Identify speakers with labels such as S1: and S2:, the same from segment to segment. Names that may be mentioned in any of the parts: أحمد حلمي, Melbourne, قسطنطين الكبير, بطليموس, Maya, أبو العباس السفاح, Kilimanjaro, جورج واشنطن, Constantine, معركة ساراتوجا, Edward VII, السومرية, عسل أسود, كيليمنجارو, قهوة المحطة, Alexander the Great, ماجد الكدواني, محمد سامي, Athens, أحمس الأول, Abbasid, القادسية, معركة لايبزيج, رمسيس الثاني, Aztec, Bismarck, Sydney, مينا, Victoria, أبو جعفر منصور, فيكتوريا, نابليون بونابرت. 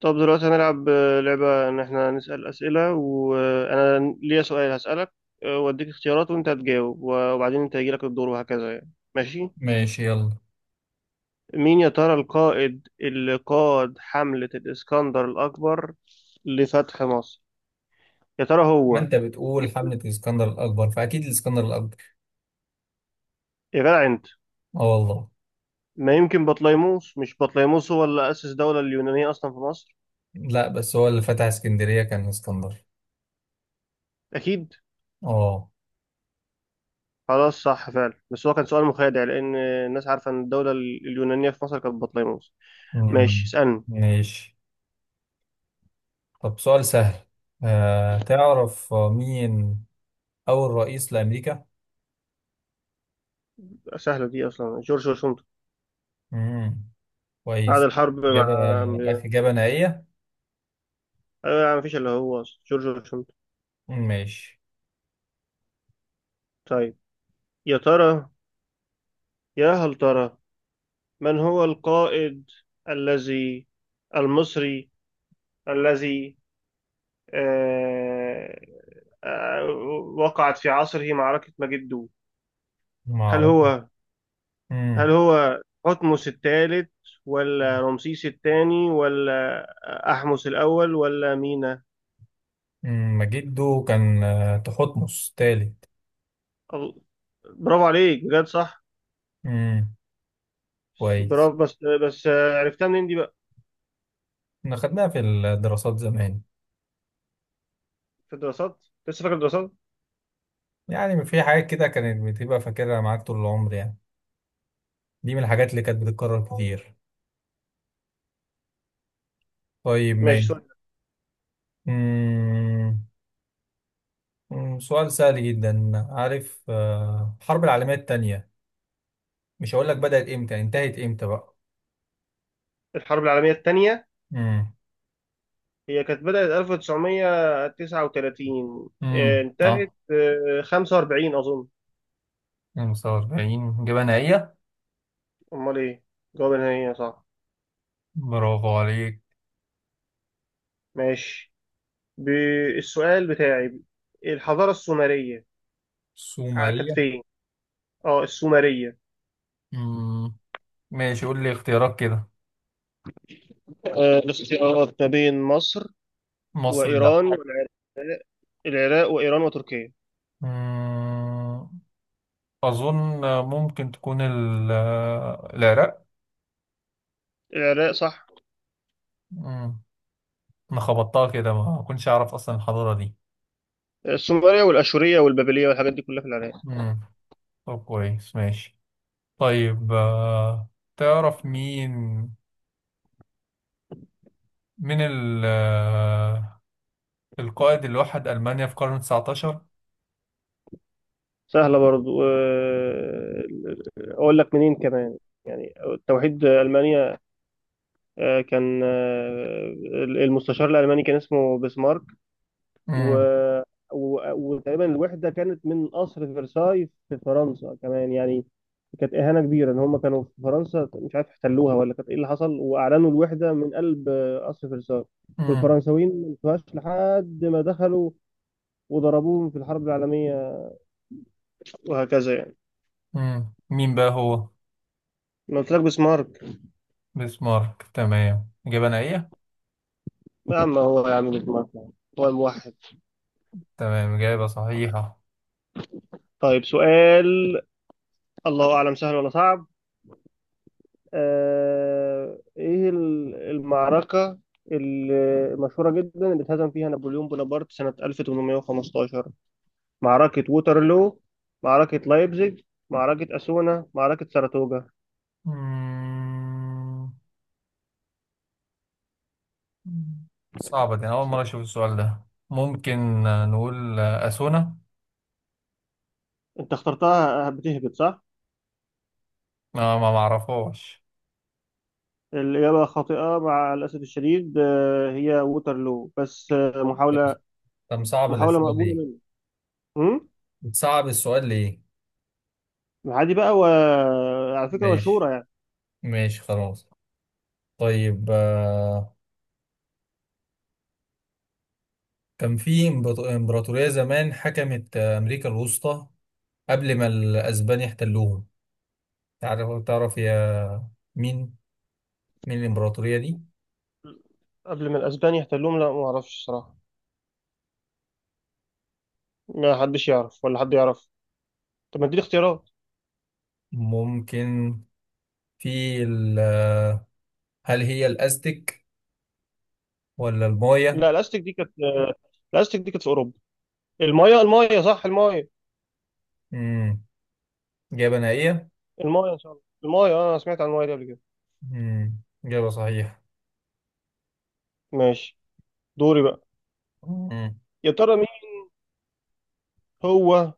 S1: طب دلوقتي هنلعب لعبة إن إحنا نسأل أسئلة وأنا ليا سؤال هسألك، وأديك اختيارات وأنت هتجاوب وبعدين أنت هيجيلك الدور وهكذا يعني ماشي.
S2: ماشي، يلا.
S1: مين يا ترى القائد اللي قاد حملة الإسكندر الأكبر لفتح مصر؟ يا ترى
S2: ما
S1: هو.
S2: انت بتقول حملة الاسكندر الاكبر فاكيد الاسكندر الاكبر.
S1: يا جدع أنت.
S2: اه، والله.
S1: ما يمكن بطليموس؟ مش بطليموس هو اللي أسس الدولة اليونانية أصلا في مصر؟
S2: لا، بس هو اللي فتح اسكندرية كان اسكندر.
S1: أكيد.
S2: اه.
S1: خلاص، صح فعلا، بس هو كان سؤال مخادع لأن الناس عارفة إن الدولة اليونانية في مصر كانت بطليموس. ماشي
S2: مم.
S1: اسألني.
S2: ماشي. طب، سؤال سهل. تعرف مين اول رئيس لامريكا؟
S1: سهلة دي، أصلا جورج واشنطن.
S2: مم.
S1: بعد
S2: كويس.
S1: الحرب
S2: اجابة،
S1: مع.
S2: اجابة نهائية.
S1: أيوة يا عم، مفيش إلا هو، أصلا جورج واشنطن.
S2: ماشي.
S1: طيب، يا ترى، يا هل ترى، من هو القائد الذي، المصري الذي، آه آه وقعت في عصره معركة مجدو؟
S2: ما
S1: هل
S2: اعرف.
S1: هو، هل
S2: مم.
S1: هو حتمس الثالث ولا رمسيس الثاني ولا أحمس الأول ولا مينا؟
S2: مم. جده كان تحتمس تالت.
S1: أغ- برافو عليك بجد، صح.
S2: مم. كويس.
S1: برافو، بس عرفتها منين دي بقى؟
S2: احنا خدناها في الدراسات زمان.
S1: في الدراسات. لسه فاكر الدراسات.
S2: يعني في حاجات كده كانت بتبقى فاكرها معاك طول العمر، يعني دي من الحاجات اللي كانت بتتكرر كتير. طيب،
S1: ماشي،
S2: ماشي.
S1: سؤال.
S2: أمم، أمم، سؤال سهل جدا. عارف الحرب العالمية التانية؟ مش هقول لك بدأت امتى، انتهت امتى بقى؟
S1: الحرب العالمية الثانية،
S2: امم
S1: هي كانت بدأت 1939،
S2: اه،
S1: انتهت 45 أظن.
S2: 45. إجابة نهائية.
S1: أمال إيه، جواب نهائي صح.
S2: برافو عليك.
S1: ماشي، بالسؤال بتاعي، الحضارة السومرية كانت
S2: سومرية.
S1: فين؟ اه السومرية.
S2: امم ماشي، قول لي اختيارات كده.
S1: الاختيارات ما بين مصر
S2: مصر، لا.
S1: وإيران والعراق، العراق وإيران وتركيا.
S2: امم أظن ممكن تكون
S1: العراق صح.
S2: العراق. انا خبطتها كده، ما كنتش اعرف اصلا الحضارة دي.
S1: السومرية والأشورية والبابلية والحاجات دي كلها في العراق.
S2: امم طب، كويس، ماشي. طيب. تعرف مين من ال آه، القائد اللي وحد ألمانيا في القرن 19؟
S1: سهلة برضو. أقول لك منين كمان؟ يعني توحيد ألمانيا كان المستشار الألماني، كان اسمه بسمارك. و...
S2: امم
S1: وتقريبا الوحدة كانت من قصر فرساي في فرنسا كمان يعني. كانت إهانة كبيرة إن هم كانوا في فرنسا، مش عارف احتلوها ولا كانت إيه اللي حصل، وأعلنوا الوحدة من قلب قصر فرساي.
S2: امم
S1: والفرنساويين ما انتهاش لحد ما دخلوا وضربوهم في الحرب العالمية، وهكذا يعني.
S2: مين بقى هو؟
S1: أنا قلت لك بسمارك.
S2: بسمارك، تمام، إجابة نهائية.
S1: يا عم، هو يعمل لك مرة، هو الموحد.
S2: تمام، إجابة صحيحة.
S1: طيب سؤال، الله أعلم سهل ولا صعب. إيه المعركة ال- المشهورة جدا اللي اتهزم فيها نابليون بونابرت سنة 1815؟ معركة ووترلو، معركة لايبزيج، معركة أسونا، معركة ساراتوجا.
S2: مم. صعبة دي، أنا أول مرة أشوف السؤال ده. ممكن نقول أثونا.
S1: أنت اخترتها بتهبط، صح؟
S2: ما معرفهاش.
S1: الإجابة خاطئة مع الأسف الشديد، هي ووترلو، بس
S2: طب،
S1: محاولة،
S2: طب صعب
S1: محاولة
S2: الأسئلة دي.
S1: مقبولة منك.
S2: بتصعب السؤال ليه؟
S1: عادي بقى، وعلى فكرة
S2: ماشي،
S1: مشهورة.
S2: ماشي، خلاص. طيب. كان في إمبراطورية زمان حكمت أمريكا الوسطى قبل ما الأسبان يحتلوهم. تعرف مين مين الإمبراطورية دي؟
S1: قبل ما الاسبان يحتلوهم، لا ما اعرفش صراحه. ما حدش يعرف ولا حد يعرف. طب ما اديني اختيارات.
S2: ممكن. في ال- آه، هل هي الأزتك ولا المايا؟
S1: لا الاستك دي كانت في اوروبا. المايه، المايه صح، المايه.
S2: مم. إجابة نهائية؟
S1: المايه ان شاء الله، المايه، انا سمعت عن المايه دي قبل كده.
S2: مم. إجابة صحيحة.
S1: ماشي، دوري بقى.
S2: مم.
S1: يا ترى مين هو،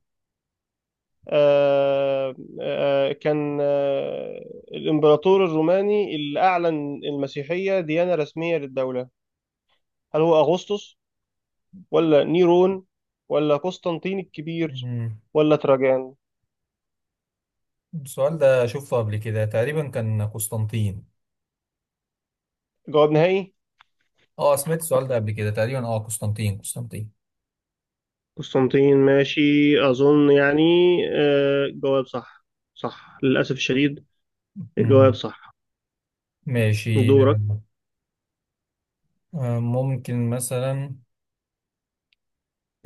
S1: آه كان الامبراطور الروماني اللي اعلن المسيحيه ديانه رسميه للدوله؟ هل هو اغسطس ولا نيرون ولا قسطنطين الكبير
S2: مم.
S1: ولا تراجان؟
S2: السؤال ده شفته قبل كده، تقريبا كان قسطنطين.
S1: جواب نهائي.
S2: اه، سمعت السؤال ده قبل كده تقريبا. اه، قسطنطين، قسطنطين.
S1: قسطنطين، ماشي، أظن يعني. جواب صح، صح للأسف الشديد، الجواب
S2: مم.
S1: صح.
S2: ماشي.
S1: دورك.
S2: ممكن مثلا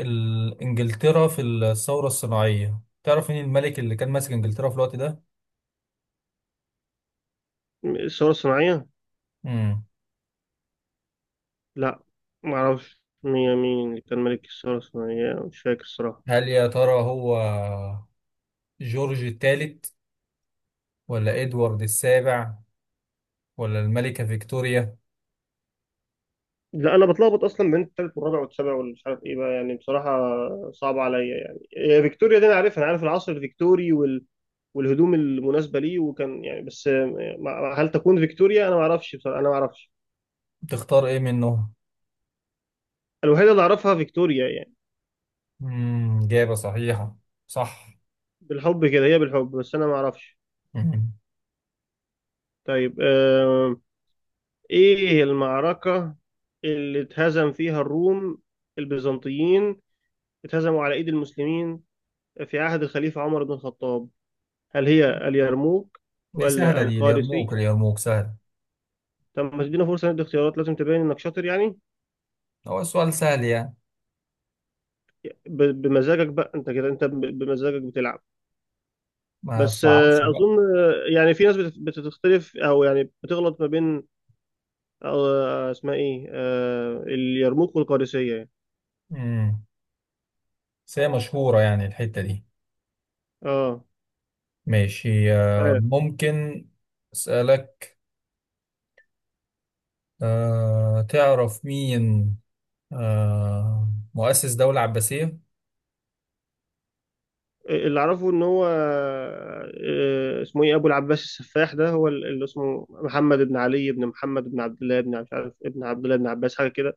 S2: انجلترا في الثورة الصناعية، تعرف مين الملك اللي كان ماسك انجلترا في الوقت ده؟
S1: الثورة الصناعية؟
S2: مم.
S1: لا، معرفش مين، مين اللي كان ملك الثورة الصناعية، مش فاكر الصراحة.
S2: هل يا ترى هو جورج الثالث ولا ادوارد السابع ولا الملكة فيكتوريا؟
S1: لا، أنا بتلخبط أصلا بين التالت والرابع والسابع والمش عارف إيه بقى يعني بصراحة، صعب عليا يعني. فيكتوريا دي أنا عارفها، أنا عارف العصر الفيكتوري والهدوم المناسبة ليه وكان يعني، بس هل تكون فيكتوريا؟ أنا معرفش بصراحة، أنا معرفش.
S2: تختار ايه منهم؟
S1: الوحيدة اللي أعرفها فيكتوريا يعني.
S2: مم. إجابة صحيحة. صح.
S1: بالحب كده هي، بالحب، بس انا ما اعرفش.
S2: مم.
S1: طيب، ايه المعركة اللي اتهزم فيها الروم، البيزنطيين، اتهزموا على ايد المسلمين في عهد الخليفة عمر بن الخطاب؟ هل هي اليرموك
S2: دي
S1: ولا
S2: سهلة، دي اليرموك،
S1: القادسية؟
S2: اليرموك سهل.
S1: طب ما تدينا فرصة ندي اختيارات، لازم تبين انك شاطر يعني.
S2: هو السؤال سهل يعني،
S1: بمزاجك بقى انت كده، بمزاجك بتلعب.
S2: ما
S1: بس
S2: صعبش
S1: آه،
S2: بقى.
S1: اظن آه، يعني في ناس بتختلف او يعني بتغلط ما بين، آه، اسمها ايه آه، اليرموك والقادسية.
S2: مم. بس هي مشهورة يعني الحتة دي.
S1: اه.
S2: ماشي.
S1: آه،
S2: ممكن أسألك. تعرف مين مؤسس دولة عباسية؟
S1: اللي اعرفه ان هو، آه، اسمه ايه ابو العباس السفاح، ده هو اللي اسمه محمد بن علي بن محمد بن عبد الله بن مش عارف ابن عبد الله بن عباس حاجه كده.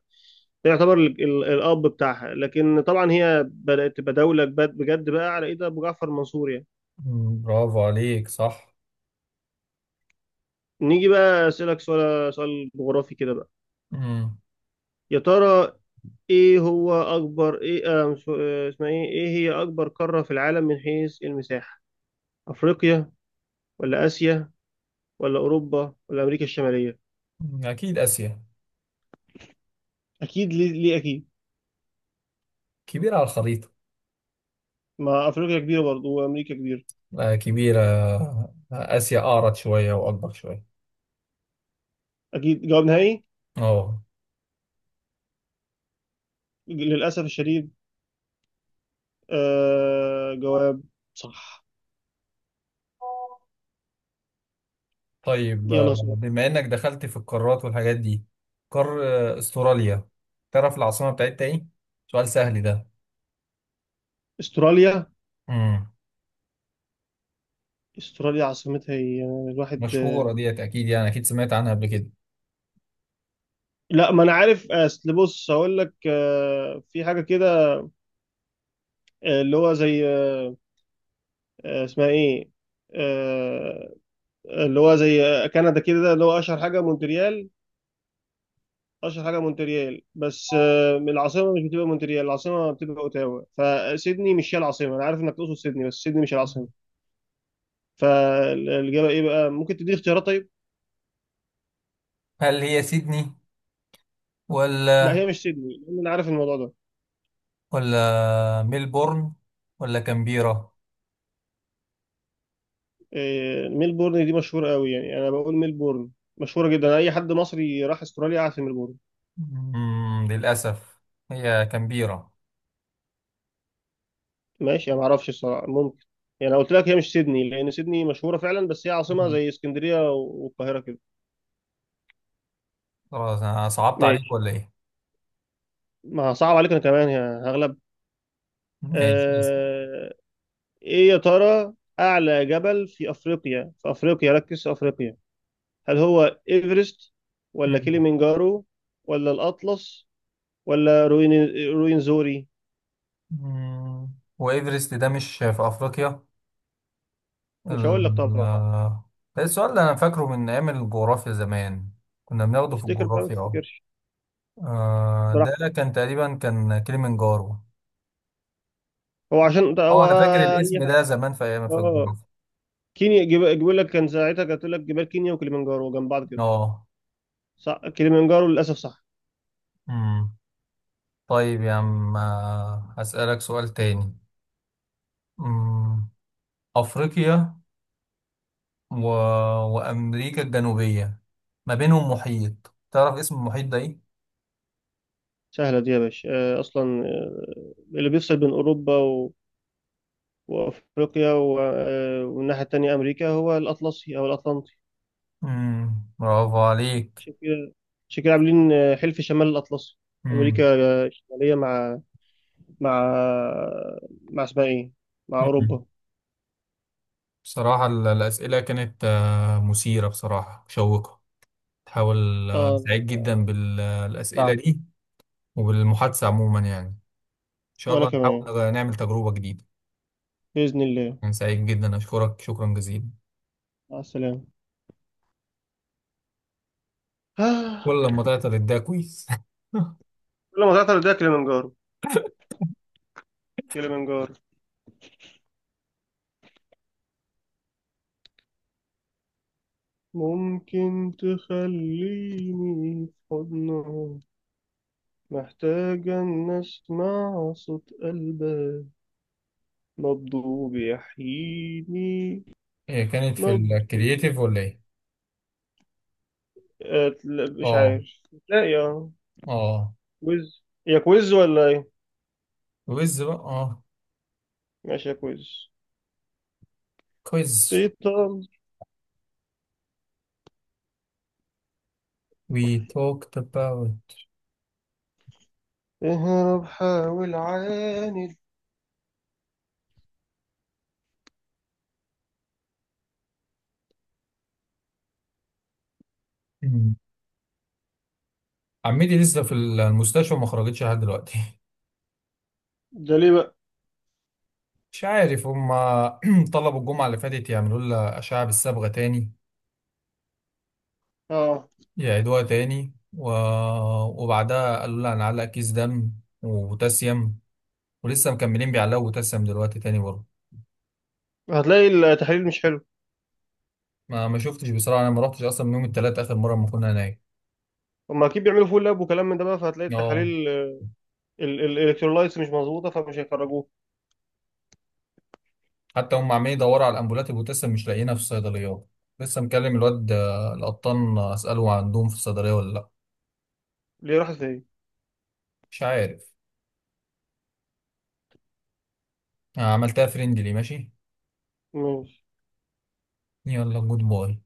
S1: ده يعتبر الاب بتاعها، لكن طبعا هي بدات تبقى دوله بجد بجد بقى على ايد ابو جعفر منصور يعني.
S2: برافو عليك، صح.
S1: نيجي بقى اسالك سؤال، سؤال جغرافي كده بقى.
S2: مم،
S1: يا ترى ايه هو اكبر ايه، آه، مش- آه، اسمها ايه ايه هي اكبر قاره في العالم من حيث المساحه؟ افريقيا ولا اسيا ولا اوروبا ولا امريكا الشماليه؟
S2: أكيد آسيا.
S1: اكيد، ليه, ليه اكيد؟
S2: كبيرة على الخريطة.
S1: ما افريقيا كبيره برضه وامريكا كبيره.
S2: كبيرة، آسيا أعرض شوية وأكبر شوية.
S1: اكيد جواب نهائي.
S2: أه.
S1: للاسف الشديد، آه جواب صح.
S2: طيب،
S1: يلا سؤال.
S2: بما إنك دخلت في القارات والحاجات دي. قار آه، أستراليا، تعرف العاصمة بتاعتها إيه؟ سؤال سهل ده.
S1: استراليا.
S2: مم.
S1: استراليا عاصمتها هي الواحد،
S2: مشهورة ديت، أكيد يعني، أكيد سمعت عنها قبل كده.
S1: لا ما انا عارف، اصل بص هقول لك، في حاجه كده، آه، اللي هو زي آه، اسمها ايه آه، اللي هو زي كندا كده، اللي هو اشهر حاجه مونتريال، اشهر حاجه مونتريال، بس العاصمه مش بتبقى مونتريال، العاصمه بتبقى اوتاوا. فسيدني مش هي العاصمه، انا عارف انك تقصد سيدني بس سيدني مش العاصمه. فالاجابه ايه بقى؟ ممكن تديني اختيارات طيب.
S2: هل هي سيدني
S1: لا
S2: ولا
S1: هي مش سيدني، لان انا عارف الموضوع ده.
S2: ولا ميلبورن ولا كامبيرا؟
S1: ميلبورن دي مشهوره قوي يعني، انا بقول ميلبورن، مشهوره جدا، اي حد مصري راح استراليا قاعد في ميلبورن.
S2: للأسف هي كامبيرا.
S1: ماشي، انا ما اعرفش الصراحه، ممكن يعني. أنا قلت لك هي مش سيدني لان سيدني مشهوره فعلا، بس هي عاصمه زي اسكندريه والقاهره كده.
S2: خلاص، أنا صعبت عليك
S1: ماشي،
S2: ولا إيه؟
S1: ما صعب عليك، انا كمان يا هغلب.
S2: ماشي.
S1: آه، ايه يا ترى اعلى جبل في افريقيا، في افريقيا، ركز في افريقيا؟ هل هو ايفرست ولا
S2: مم.
S1: كيليمنجارو ولا الاطلس ولا روين، روينزوري؟
S2: مم. وإيفرست ده مش في أفريقيا.
S1: مش هقول لك
S2: ال-
S1: طبعا.
S2: آه، ده السؤال اللي أنا فاكره من أيام الجغرافيا زمان. كنا بناخده في
S1: افتكر بقى، ما
S2: الجغرافيا. أه.
S1: تفتكرش، براحتك.
S2: ده كان تقريبا كان كليمنجارو.
S1: هو عشان ده
S2: اه،
S1: هو.
S2: انا فاكر
S1: اي
S2: الاسم
S1: حاجه.
S2: ده زمان في ايام في
S1: اه
S2: الجغرافيا.
S1: كينيا، بيقول لك كان ساعتها، كانت تقول لك جبال كينيا وكيليمنجارو جنب بعض كده.
S2: اه.
S1: صح كيليمنجارو، للاسف صح.
S2: امم طيب يا عم، هسألك سؤال تاني. امم افريقيا و... وامريكا الجنوبية، ما بينهم محيط، تعرف اسم المحيط ده ايه؟
S1: سهله دي يا باشا. اصلا اللي بيفصل بين اوروبا وافريقيا والناحيه التانيه امريكا، هو الاطلسي او الاطلنطي.
S2: برافو عليك.
S1: عشان كده، عاملين حلف شمال الاطلسي. امريكا
S2: امم
S1: الشماليه، مع مع مع اسمها ايه مع
S2: امم
S1: اوروبا.
S2: بصراحة الأسئلة كانت مثيرة، بصراحة مشوقة. تحاول،
S1: اه أنا
S2: سعيد جدا بالأسئلة
S1: تعب.
S2: دي. وبالمحادثة عموما يعني. إن شاء
S1: وانا
S2: الله
S1: كمان
S2: نحاول نعمل تجربة جديدة.
S1: باذن الله.
S2: كان سعيد جدا، أشكرك شكرا جزيلا.
S1: مع السلامه.
S2: ولا
S1: آه.
S2: لما تعطل ده كويس.
S1: كل ما تعطل ده كليمنجارو. كليمنجارو. ممكن تخليني في حضنها؟ محتاجة أن أسمع صوت قلبها، نبضه بيحييني،
S2: هي كانت في
S1: نبض.
S2: الكرييتيف ولا ايه؟
S1: لا، مش
S2: اه.
S1: عارف. لا يا
S2: اه.
S1: كويز، يا كويز ولا ايه؟
S2: ويز بقى، اه.
S1: ماشي يا كويز.
S2: كويز.
S1: بيطل.
S2: we talked about.
S1: اهرب، حاول، عاند.
S2: مم. عمتي لسه في المستشفى، ما خرجتش لحد دلوقتي.
S1: ده ليه بقى؟
S2: مش عارف، هما طلبوا الجمعة اللي فاتت يعملوا لها أشعة بالصبغة تاني.
S1: اه،
S2: يعيدوها تاني، وبعدها قالوا لها هنعلق كيس دم وبوتاسيوم. ولسه مكملين بيعلقوا بوتاسيوم دلوقتي تاني برضه.
S1: هتلاقي التحاليل مش حلو.
S2: ما شفتش بصراحه، انا ما رحتش اصلا من يوم الثلاث اخر مره ما كنا هناك.
S1: هما اكيد بيعملوا فول لاب وكلام من ده بقى، فهتلاقي
S2: اه.
S1: التحاليل الالكترولايتس مش مظبوطه، فمش هيخرجوه.
S2: حتى هم عمالين يدوروا على الامبولات ولسه مش لاقيينها في الصيدليات. لسه مكلم الواد القطان، اساله عندهم في الصيدليه ولا لا.
S1: ليه راحت فين؟
S2: مش عارف. عملتها فريندلي، ماشي، يلا جود باي.